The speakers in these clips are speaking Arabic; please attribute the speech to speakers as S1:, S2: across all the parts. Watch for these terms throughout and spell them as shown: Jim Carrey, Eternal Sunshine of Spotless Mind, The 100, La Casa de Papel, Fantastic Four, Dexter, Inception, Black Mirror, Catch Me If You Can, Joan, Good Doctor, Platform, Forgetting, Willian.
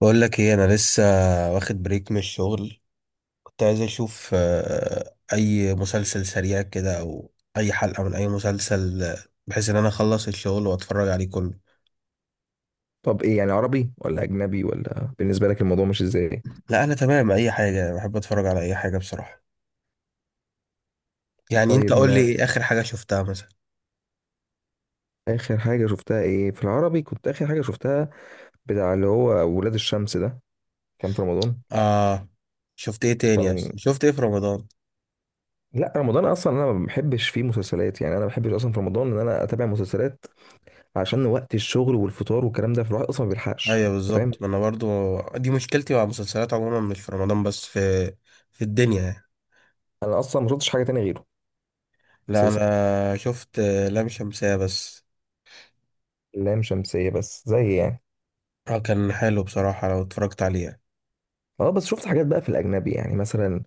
S1: بقول لك ايه. انا لسه واخد بريك من الشغل. كنت عايز اشوف اي مسلسل سريع كده او اي حلقة من اي مسلسل، بحيث ان انا اخلص الشغل واتفرج عليه كله.
S2: طب ايه يعني عربي ولا اجنبي ولا بالنسبه لك الموضوع مش ازاي؟
S1: لا، انا تمام، اي حاجة بحب اتفرج على اي حاجة بصراحة. يعني انت
S2: طيب،
S1: قول لي
S2: ما
S1: ايه اخر حاجة شفتها مثلا.
S2: اخر حاجه شفتها ايه؟ في العربي كنت اخر حاجه شفتها بتاع اللي هو ولاد الشمس ده، كان في رمضان.
S1: اه. شفت ايه تاني؟
S2: كان
S1: اصلا شفت ايه في رمضان؟
S2: لا، رمضان اصلا انا ما بحبش فيه مسلسلات، يعني انا ما بحبش اصلا في رمضان ان انا اتابع مسلسلات عشان وقت الشغل والفطار والكلام ده، فالواحد اصلا ما بيلحقش
S1: ايوه
S2: انت فاهم.
S1: بالظبط، ما انا برضو دي مشكلتي مع المسلسلات عموما، مش في رمضان بس، في في الدنيا يعني.
S2: انا اصلا ما شفتش حاجه تانية غيره
S1: لا
S2: اساسا.
S1: انا شفت لام شمسية بس.
S2: لام شمسيه بس زي يعني.
S1: اه، كان حلو بصراحة لو اتفرجت عليه يعني.
S2: اه، بس شفت حاجات بقى في الاجنبي، يعني مثلا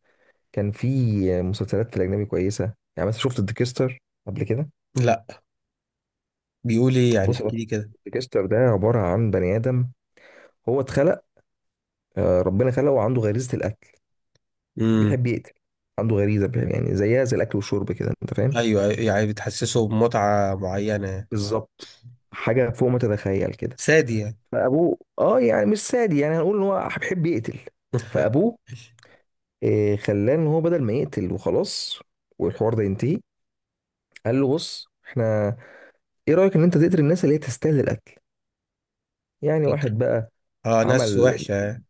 S2: كان في مسلسلات في الأجنبي كويسة، يعني مثلا شفت ديكستر قبل كده.
S1: لا. بيقول ايه يعني؟
S2: بص،
S1: احكي لي كده.
S2: ديكستر ده عبارة عن بني آدم، هو اتخلق ربنا خلقه وعنده غريزة القتل.
S1: امم.
S2: بيحب يقتل، عنده غريزة بيحب، يعني زيها زي الأكل والشرب كده أنت فاهم.
S1: ايوه أيوة، يعني بتحسسه بمتعة معينة يعني.
S2: بالظبط، حاجة فوق ما تتخيل كده.
S1: سادي يعني؟
S2: فأبوه اه يعني مش سادي، يعني هنقول إن هو بيحب يقتل. فأبوه خلاه إن هو بدل ما يقتل وخلاص والحوار ده ينتهي، قال له بص احنا ايه رأيك ان انت تقتل الناس اللي هي تستاهل القتل، يعني
S1: فكرة.
S2: واحد بقى
S1: اه، ناس
S2: عمل
S1: وحشة يعني.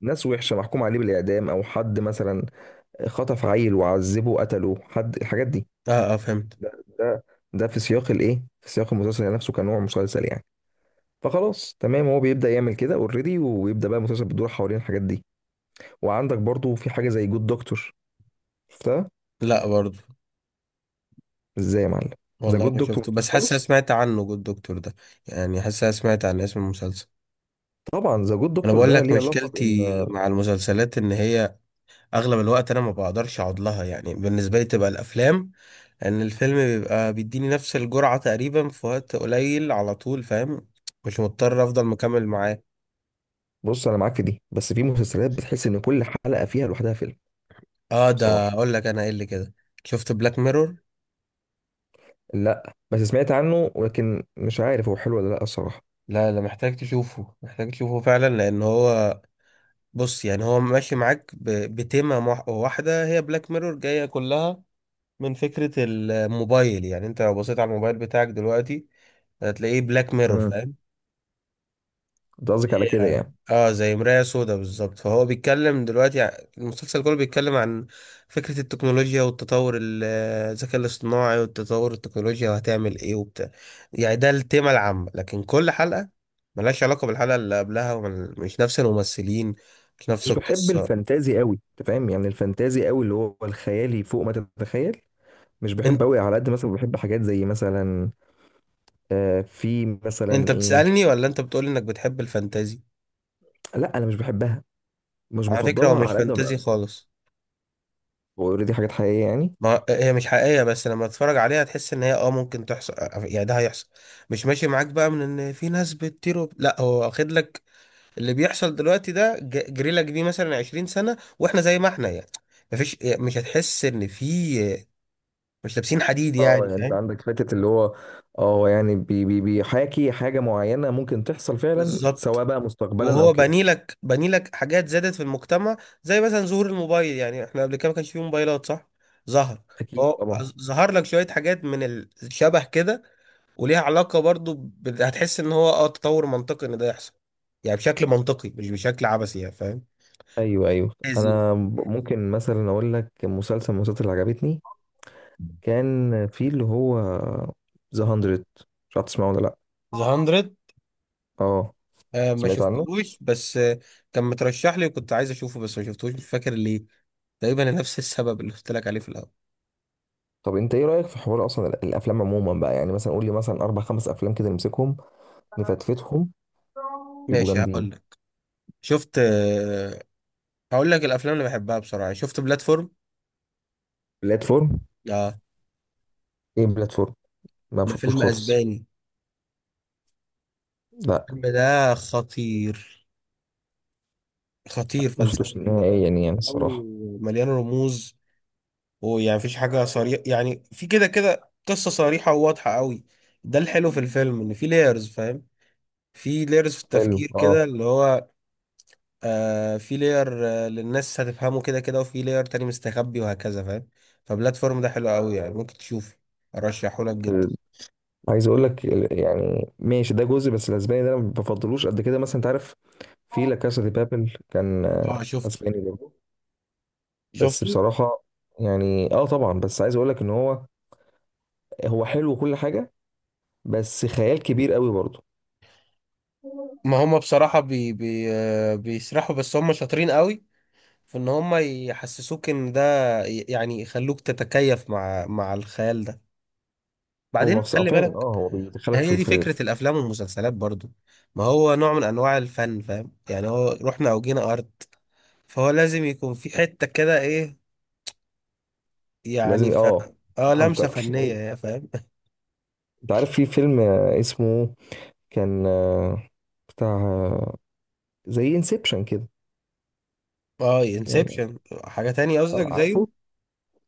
S2: ناس وحشة محكوم عليه بالإعدام، أو حد مثلا خطف عيل وعذبه وقتله، حد الحاجات دي.
S1: اه اه، فهمت.
S2: ده ده ده في سياق الإيه؟ في سياق المسلسل نفسه كنوع مسلسل يعني. فخلاص تمام، هو بيبدأ يعمل كده اوريدي، ويبدأ بقى المسلسل بيدور حوالين الحاجات دي. وعندك برضو في حاجة زي جود دكتور، شفتها؟
S1: لا برضو.
S2: إزاي يا معلم؟ ذا
S1: والله
S2: جود
S1: ما
S2: دكتور
S1: شفته
S2: مشفتوش
S1: بس حاسس أنا
S2: خالص؟
S1: سمعت عنه، جود دكتور ده. يعني حاسس أنا سمعت عن اسم المسلسل.
S2: طبعا ذا جود
S1: انا
S2: دكتور
S1: بقول
S2: ده
S1: لك
S2: ليه علاقة بإن.
S1: مشكلتي مع المسلسلات ان هي اغلب الوقت انا ما بقدرش اقعد لها، يعني بالنسبة لي تبقى الافلام. ان الفيلم بيبقى بيديني نفس الجرعة تقريبا في وقت قليل على طول، فاهم؟ مش مضطر افضل مكمل معاه.
S2: بص أنا معاك في دي، بس في مسلسلات بتحس إن كل حلقة فيها لوحدها فيلم
S1: اه، ده
S2: بصراحة.
S1: اقول لك انا ايه اللي كده. شفت بلاك ميرور؟
S2: لا بس سمعت عنه، ولكن مش عارف هو حلو ولا لا الصراحة.
S1: لا لا، محتاج تشوفه، محتاج تشوفه فعلا، لان هو، بص يعني، هو ماشي معاك واحدة، هي بلاك ميرور جاية كلها من فكرة الموبايل. يعني انت لو بصيت على الموبايل بتاعك دلوقتي هتلاقيه بلاك ميرور، فاهم؟
S2: انت قصدك على كده
S1: اه.
S2: يعني
S1: زي مراية سودا بالظبط. فهو بيتكلم دلوقتي، المسلسل كله بيتكلم عن فكرة التكنولوجيا والتطور الذكاء الاصطناعي والتطور التكنولوجيا وهتعمل ايه وبتاع. يعني ده التيمة العامة، لكن كل حلقة ملهاش علاقة بالحلقة اللي قبلها، ومش نفس الممثلين، مش نفس
S2: مش بحب
S1: القصة.
S2: الفانتازي قوي انت فاهم، يعني الفانتازي قوي اللي هو الخيالي فوق ما تتخيل، مش
S1: انت،
S2: بحب قوي، على قد مثلا بحب حاجات زي مثلا آه في
S1: انت
S2: مثلا ايه.
S1: بتسألني ولا انت بتقول انك بتحب الفانتازي؟
S2: لا انا مش بحبها، مش
S1: على فكرة هو
S2: بفضلها
S1: مش
S2: على قد ما
S1: فانتازي
S2: بقى.
S1: خالص.
S2: اوريدي حاجات حقيقيه يعني.
S1: ما هي مش حقيقية، بس لما تتفرج عليها تحس ان هي اه ممكن تحصل، يعني ده هيحصل. مش ماشي معاك بقى من ان في ناس بتطير لا، هو واخد لك اللي بيحصل دلوقتي ده، جري لك بيه مثلا 20 سنة، واحنا زي ما احنا يعني، مفيش، مش هتحس ان في، مش لابسين حديد
S2: اه
S1: يعني،
S2: يعني انت
S1: فاهم؟
S2: عندك حته اللي هو اه يعني بي بي بيحاكي حاجه معينه ممكن تحصل فعلا،
S1: بالظبط.
S2: سواء بقى مستقبلا او
S1: وهو
S2: كده.
S1: بني لك بني لك حاجات زادت في المجتمع، زي مثلا ظهور الموبايل. يعني احنا قبل كده ما كانش فيه موبايلات، صح؟ ظهر،
S2: اكيد
S1: هو
S2: طبعا.
S1: ظهر لك شوية حاجات من الشبه كده، وليها علاقة برضو ب... هتحس ان هو اه تطور منطقي ان ده يحصل، يعني بشكل منطقي مش بشكل عبثي، يعني فاهم؟
S2: ايوه ايوه
S1: لذيذ.
S2: انا. ممكن مثلا اقول لك مسلسل من المسلسلات اللي عجبتني، كان في اللي هو ذا 100، مش عارف تسمعه ولا لا.
S1: ذا 100.
S2: اه
S1: آه، ما
S2: سمعت عنه.
S1: شفتهوش بس آه، كان مترشح لي وكنت عايز اشوفه بس ما شفتهوش، مش فاكر ليه، تقريبا نفس السبب اللي قلت لك عليه في الاول.
S2: طب انت ايه رايك في حوار اصلا الافلام عموما بقى، يعني مثلا قول لي مثلا اربع خمس افلام كده، نمسكهم نفتفتهم يبقوا
S1: ماشي هقول
S2: جامدين.
S1: لك. شفت آه، هقول لك الافلام اللي بحبها بسرعة. شفت بلاتفورم؟
S2: بلاتفورم.
S1: اه،
S2: ايه بلاتفورم؟ ما
S1: ده
S2: شفتوش
S1: فيلم
S2: خالص.
S1: اسباني.
S2: لا
S1: الفيلم ده خطير، خطير
S2: ما شفتوش
S1: فلسفي،
S2: نهائيا يعني
S1: او
S2: الصراحه.
S1: مليان رموز، ويعني مفيش حاجة صريحة، يعني في كده كده قصة صريحة وواضحة قوي. ده الحلو في الفيلم، ان في لايرز، فاهم؟ في لايرز في
S2: حلو
S1: التفكير
S2: اه.
S1: كده، اللي هو، في لاير، للناس هتفهمه كده كده، وفي لاير تاني مستخبي، وهكذا، فاهم؟ فبلاتفورم ده حلو قوي، يعني ممكن تشوفه، ارشحه لك جدا.
S2: ال- عايز اقول لك
S1: ممكن.
S2: يعني ماشي ده جزء، بس الاسباني ده انا ما بفضلوش قد كده مثلا انت عارف. في لا كاسا دي بابل كان
S1: اه شفته،
S2: اسباني برضه، بس
S1: شفته.
S2: بصراحة يعني اه طبعا، بس عايز اقول لك ان هو هو حلو وكل حاجة، بس خيال كبير قوي برضه.
S1: ما هم بصراحة بي بيسرحوا، بس هم شاطرين قوي في ان هم يحسسوك ان ده، يعني يخلوك تتكيف مع مع الخيال ده.
S2: هو
S1: بعدين خلي
S2: فعلا
S1: بالك،
S2: اه، هو بيدخلك
S1: هي
S2: في,
S1: دي
S2: في,
S1: فكرة
S2: في
S1: الأفلام والمسلسلات برضو. ما هو نوع من أنواع الفن، فاهم؟ يعني هو رحنا أو جينا أرض، فهو لازم يكون في حتة كده إيه، يعني
S2: لازم
S1: ف...
S2: اه.
S1: اه، لمسة
S2: فهمتك.
S1: فنية، يا فاهم.
S2: انت عارف في فيلم اسمه، كان بتاع زي انسبشن كده
S1: اه،
S2: يعني
S1: انسبشن. حاجة تانية قصدك زيه؟
S2: عارفه.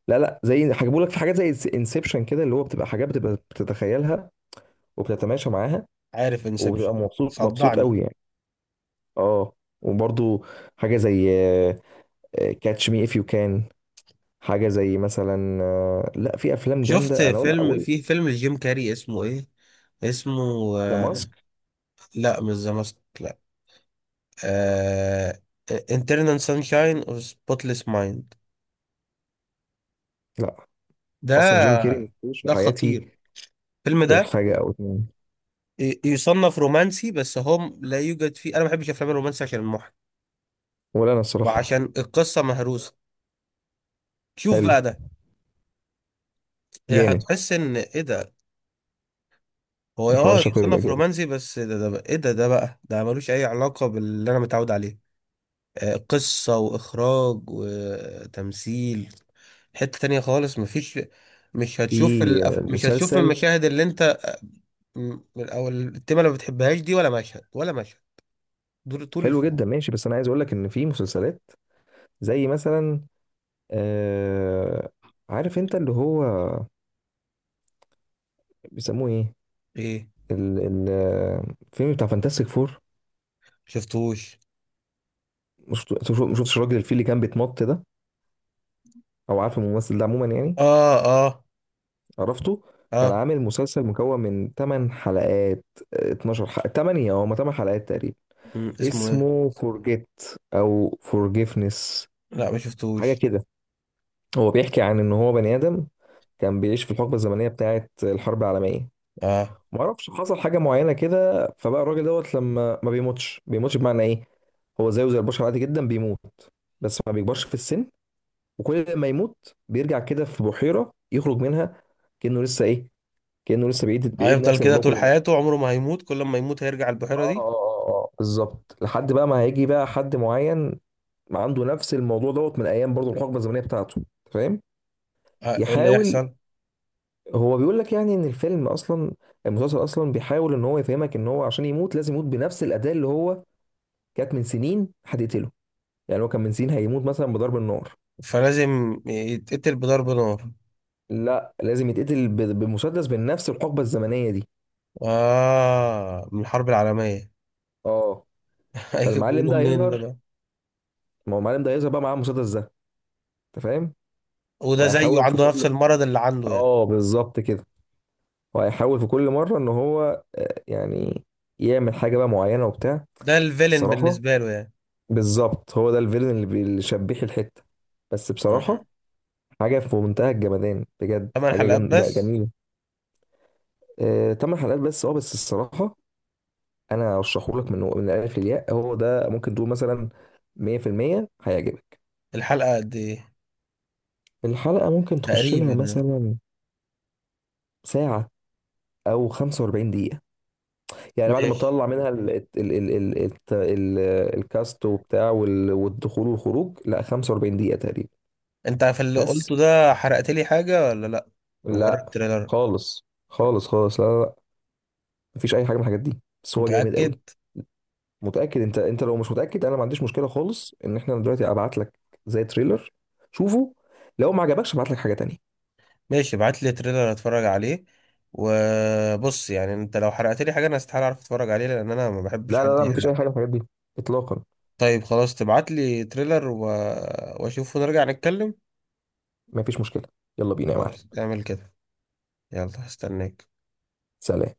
S2: لا لا، زي هجيبه لك في حاجات زي انسبشن كده، اللي هو بتبقى حاجات بتبقى بتتخيلها وبتتماشى معاها،
S1: عارف
S2: وبتبقى
S1: انسبشن.
S2: مبسوط مبسوط
S1: صدعني.
S2: قوي يعني. اه وبرضه حاجة زي كاتش مي اف يو كان. حاجه زي مثلا لا، في افلام
S1: شفت
S2: جامده انا اقول
S1: فيلم، في
S2: قلت.
S1: فيلم لجيم كاري اسمه إيه، اسمه
S2: ذا
S1: آه،
S2: ماسك؟
S1: لا مش ذا ماسك، لا، آه... Internal Sunshine of Spotless Mind.
S2: لا، اصلا جيم كيري
S1: ده،
S2: ما شفتوش في
S1: ده
S2: حياتي
S1: خطير الفيلم
S2: غير
S1: ده.
S2: حاجه او اتنين.
S1: يصنف رومانسي، بس هو لا يوجد فيه، انا ما بحبش افلام الرومانسي عشان المحن
S2: ولا انا الصراحه.
S1: وعشان القصه مهروسه. شوف
S2: حلو.
S1: بقى ده إيه،
S2: جامد.
S1: هتحس ان ايه ده. هو
S2: الحوار
S1: اه
S2: شكله يبقى
S1: يصنف
S2: جامد.
S1: رومانسي، بس ايه ده بقى ده ملوش اي علاقه باللي انا متعود عليه. قصه واخراج وتمثيل، حته تانية خالص. مفيش، مش هتشوف
S2: في
S1: مش هتشوف
S2: مسلسل
S1: المشاهد اللي انت، او التيمه اللي ما بتحبهاش دي، ولا مشهد، ولا مشهد، دول طول
S2: حلو
S1: الفيلم.
S2: جدا، ماشي، بس انا عايز اقول لك ان في مسلسلات زي مثلا آه عارف انت اللي هو بيسموه ايه،
S1: ايه؟
S2: ال- ال- الفيلم بتاع فانتاستيك فور،
S1: شفتوش.
S2: مش مش شفتش الراجل الفيل اللي كان بيتنط ده، او عارف الممثل ده عموما يعني.
S1: اه اه
S2: عرفته. كان
S1: اه.
S2: عامل مسلسل مكون من 8 حلقات، 12 حلقة، 8 او 8 حلقات تقريبا.
S1: مم. اسمه ايه؟
S2: اسمه فورجيت او فورجيفنس،
S1: لا ما
S2: حاجة
S1: شفتوش.
S2: كده. هو بيحكي عن ان هو بني ادم كان بيعيش في الحقبة الزمنية بتاعة الحرب العالمية،
S1: اه.
S2: ما اعرفش حصل حاجة معينة كده، فبقى الراجل دوت لما ما بيموتش، بيموتش بمعنى ايه؟ هو زيه زي البشر عادي جدا بيموت، بس ما بيكبرش في السن، وكل ما يموت بيرجع كده في بحيرة يخرج منها، كأنه لسه ايه، كأنه لسه بيعيد
S1: هيفضل
S2: نفس
S1: كده
S2: الموضوع
S1: طول
S2: كل مرة.
S1: حياته؟ عمره ما هيموت، كل ما يموت هيرجع
S2: اه
S1: البحيرة
S2: اه
S1: دي؟
S2: اه اه بالظبط. لحد بقى ما هيجي بقى حد معين عنده نفس الموضوع دوت من ايام برضه الحقبه الزمنيه بتاعته، أنت فاهم.
S1: آه. إيه اللي
S2: يحاول.
S1: يحصل؟
S2: هو بيقول لك يعني ان الفيلم اصلا، المسلسل اصلا بيحاول ان هو يفهمك ان هو عشان يموت لازم يموت بنفس الاداه اللي هو كانت من سنين هتقتله، يعني هو كان من سنين هيموت مثلا بضرب النار.
S1: فلازم يتقتل بضرب نار.
S2: لا لازم يتقتل بمسدس من نفس الحقبه الزمنيه دي.
S1: اه، من الحرب العالمية.
S2: اه
S1: هيجي
S2: فالمعلم
S1: بيقولوا
S2: ده
S1: منين ده
S2: هيظهر،
S1: بقى؟
S2: ما هو المعلم ده هيظهر بقى معاه المسدس ده انت فاهم.
S1: وده زيه
S2: وهيحاول في
S1: عنده نفس
S2: كل،
S1: المرض اللي عنده يعني؟
S2: اه بالظبط كده، وهيحاول في كل مره ان هو يعني يعمل حاجه بقى معينه وبتاع.
S1: ده الفيلن
S2: الصراحه
S1: بالنسبة له يعني.
S2: بالظبط هو ده الفيلن اللي اللي شبيح الحته، بس
S1: آه.
S2: بصراحه حاجه في منتهى الجمدان بجد،
S1: ثمان
S2: حاجه
S1: حلقات بس؟
S2: جميله. تمن حلقات بس اه، بس الصراحه انا ارشحه لك من الالف للياء، هو ده ممكن تقول مثلا 100% هيعجبك.
S1: الحلقة قد ايه؟
S2: الحلقه ممكن تخش
S1: تقريبا
S2: لها
S1: آه.
S2: مثلا ساعه او 45 دقيقه، يعني بعد ما
S1: ماشي.
S2: طلع منها ال الكاست وبتاع والدخول والخروج، لا 45 دقيقة تقريبا
S1: انت في اللي
S2: بس.
S1: قلته ده حرقت لي حاجة ولا لا؟ مجرد
S2: لا،
S1: تريلر؟
S2: خالص خالص خالص، لا لا لا، مفيش أي حاجة من الحاجات دي، بس هو جامد قوي.
S1: متأكد؟
S2: متأكد أنت. أنت لو مش متأكد أنا ما عنديش مشكلة خالص إن إحنا دلوقتي أبعت لك زي تريلر، شوفه، لو ما عجبكش أبعت لك حاجة تانية.
S1: ماشي، ابعت لي تريلر اتفرج عليه. وبص يعني، انت لو حرقت لي حاجه انا استحاله اعرف اتفرج عليه، لان انا ما بحبش
S2: لا لا
S1: حد
S2: لا، مفيش
S1: يحرق.
S2: أي حاجة من الحاجات دي إطلاقا.
S1: طيب خلاص، تبعت لي تريلر و... واشوفه نرجع نتكلم.
S2: مفيش مشكلة، يلا بينا يا معلم.
S1: خلاص اعمل كده. يلا هستناك.
S2: سلام.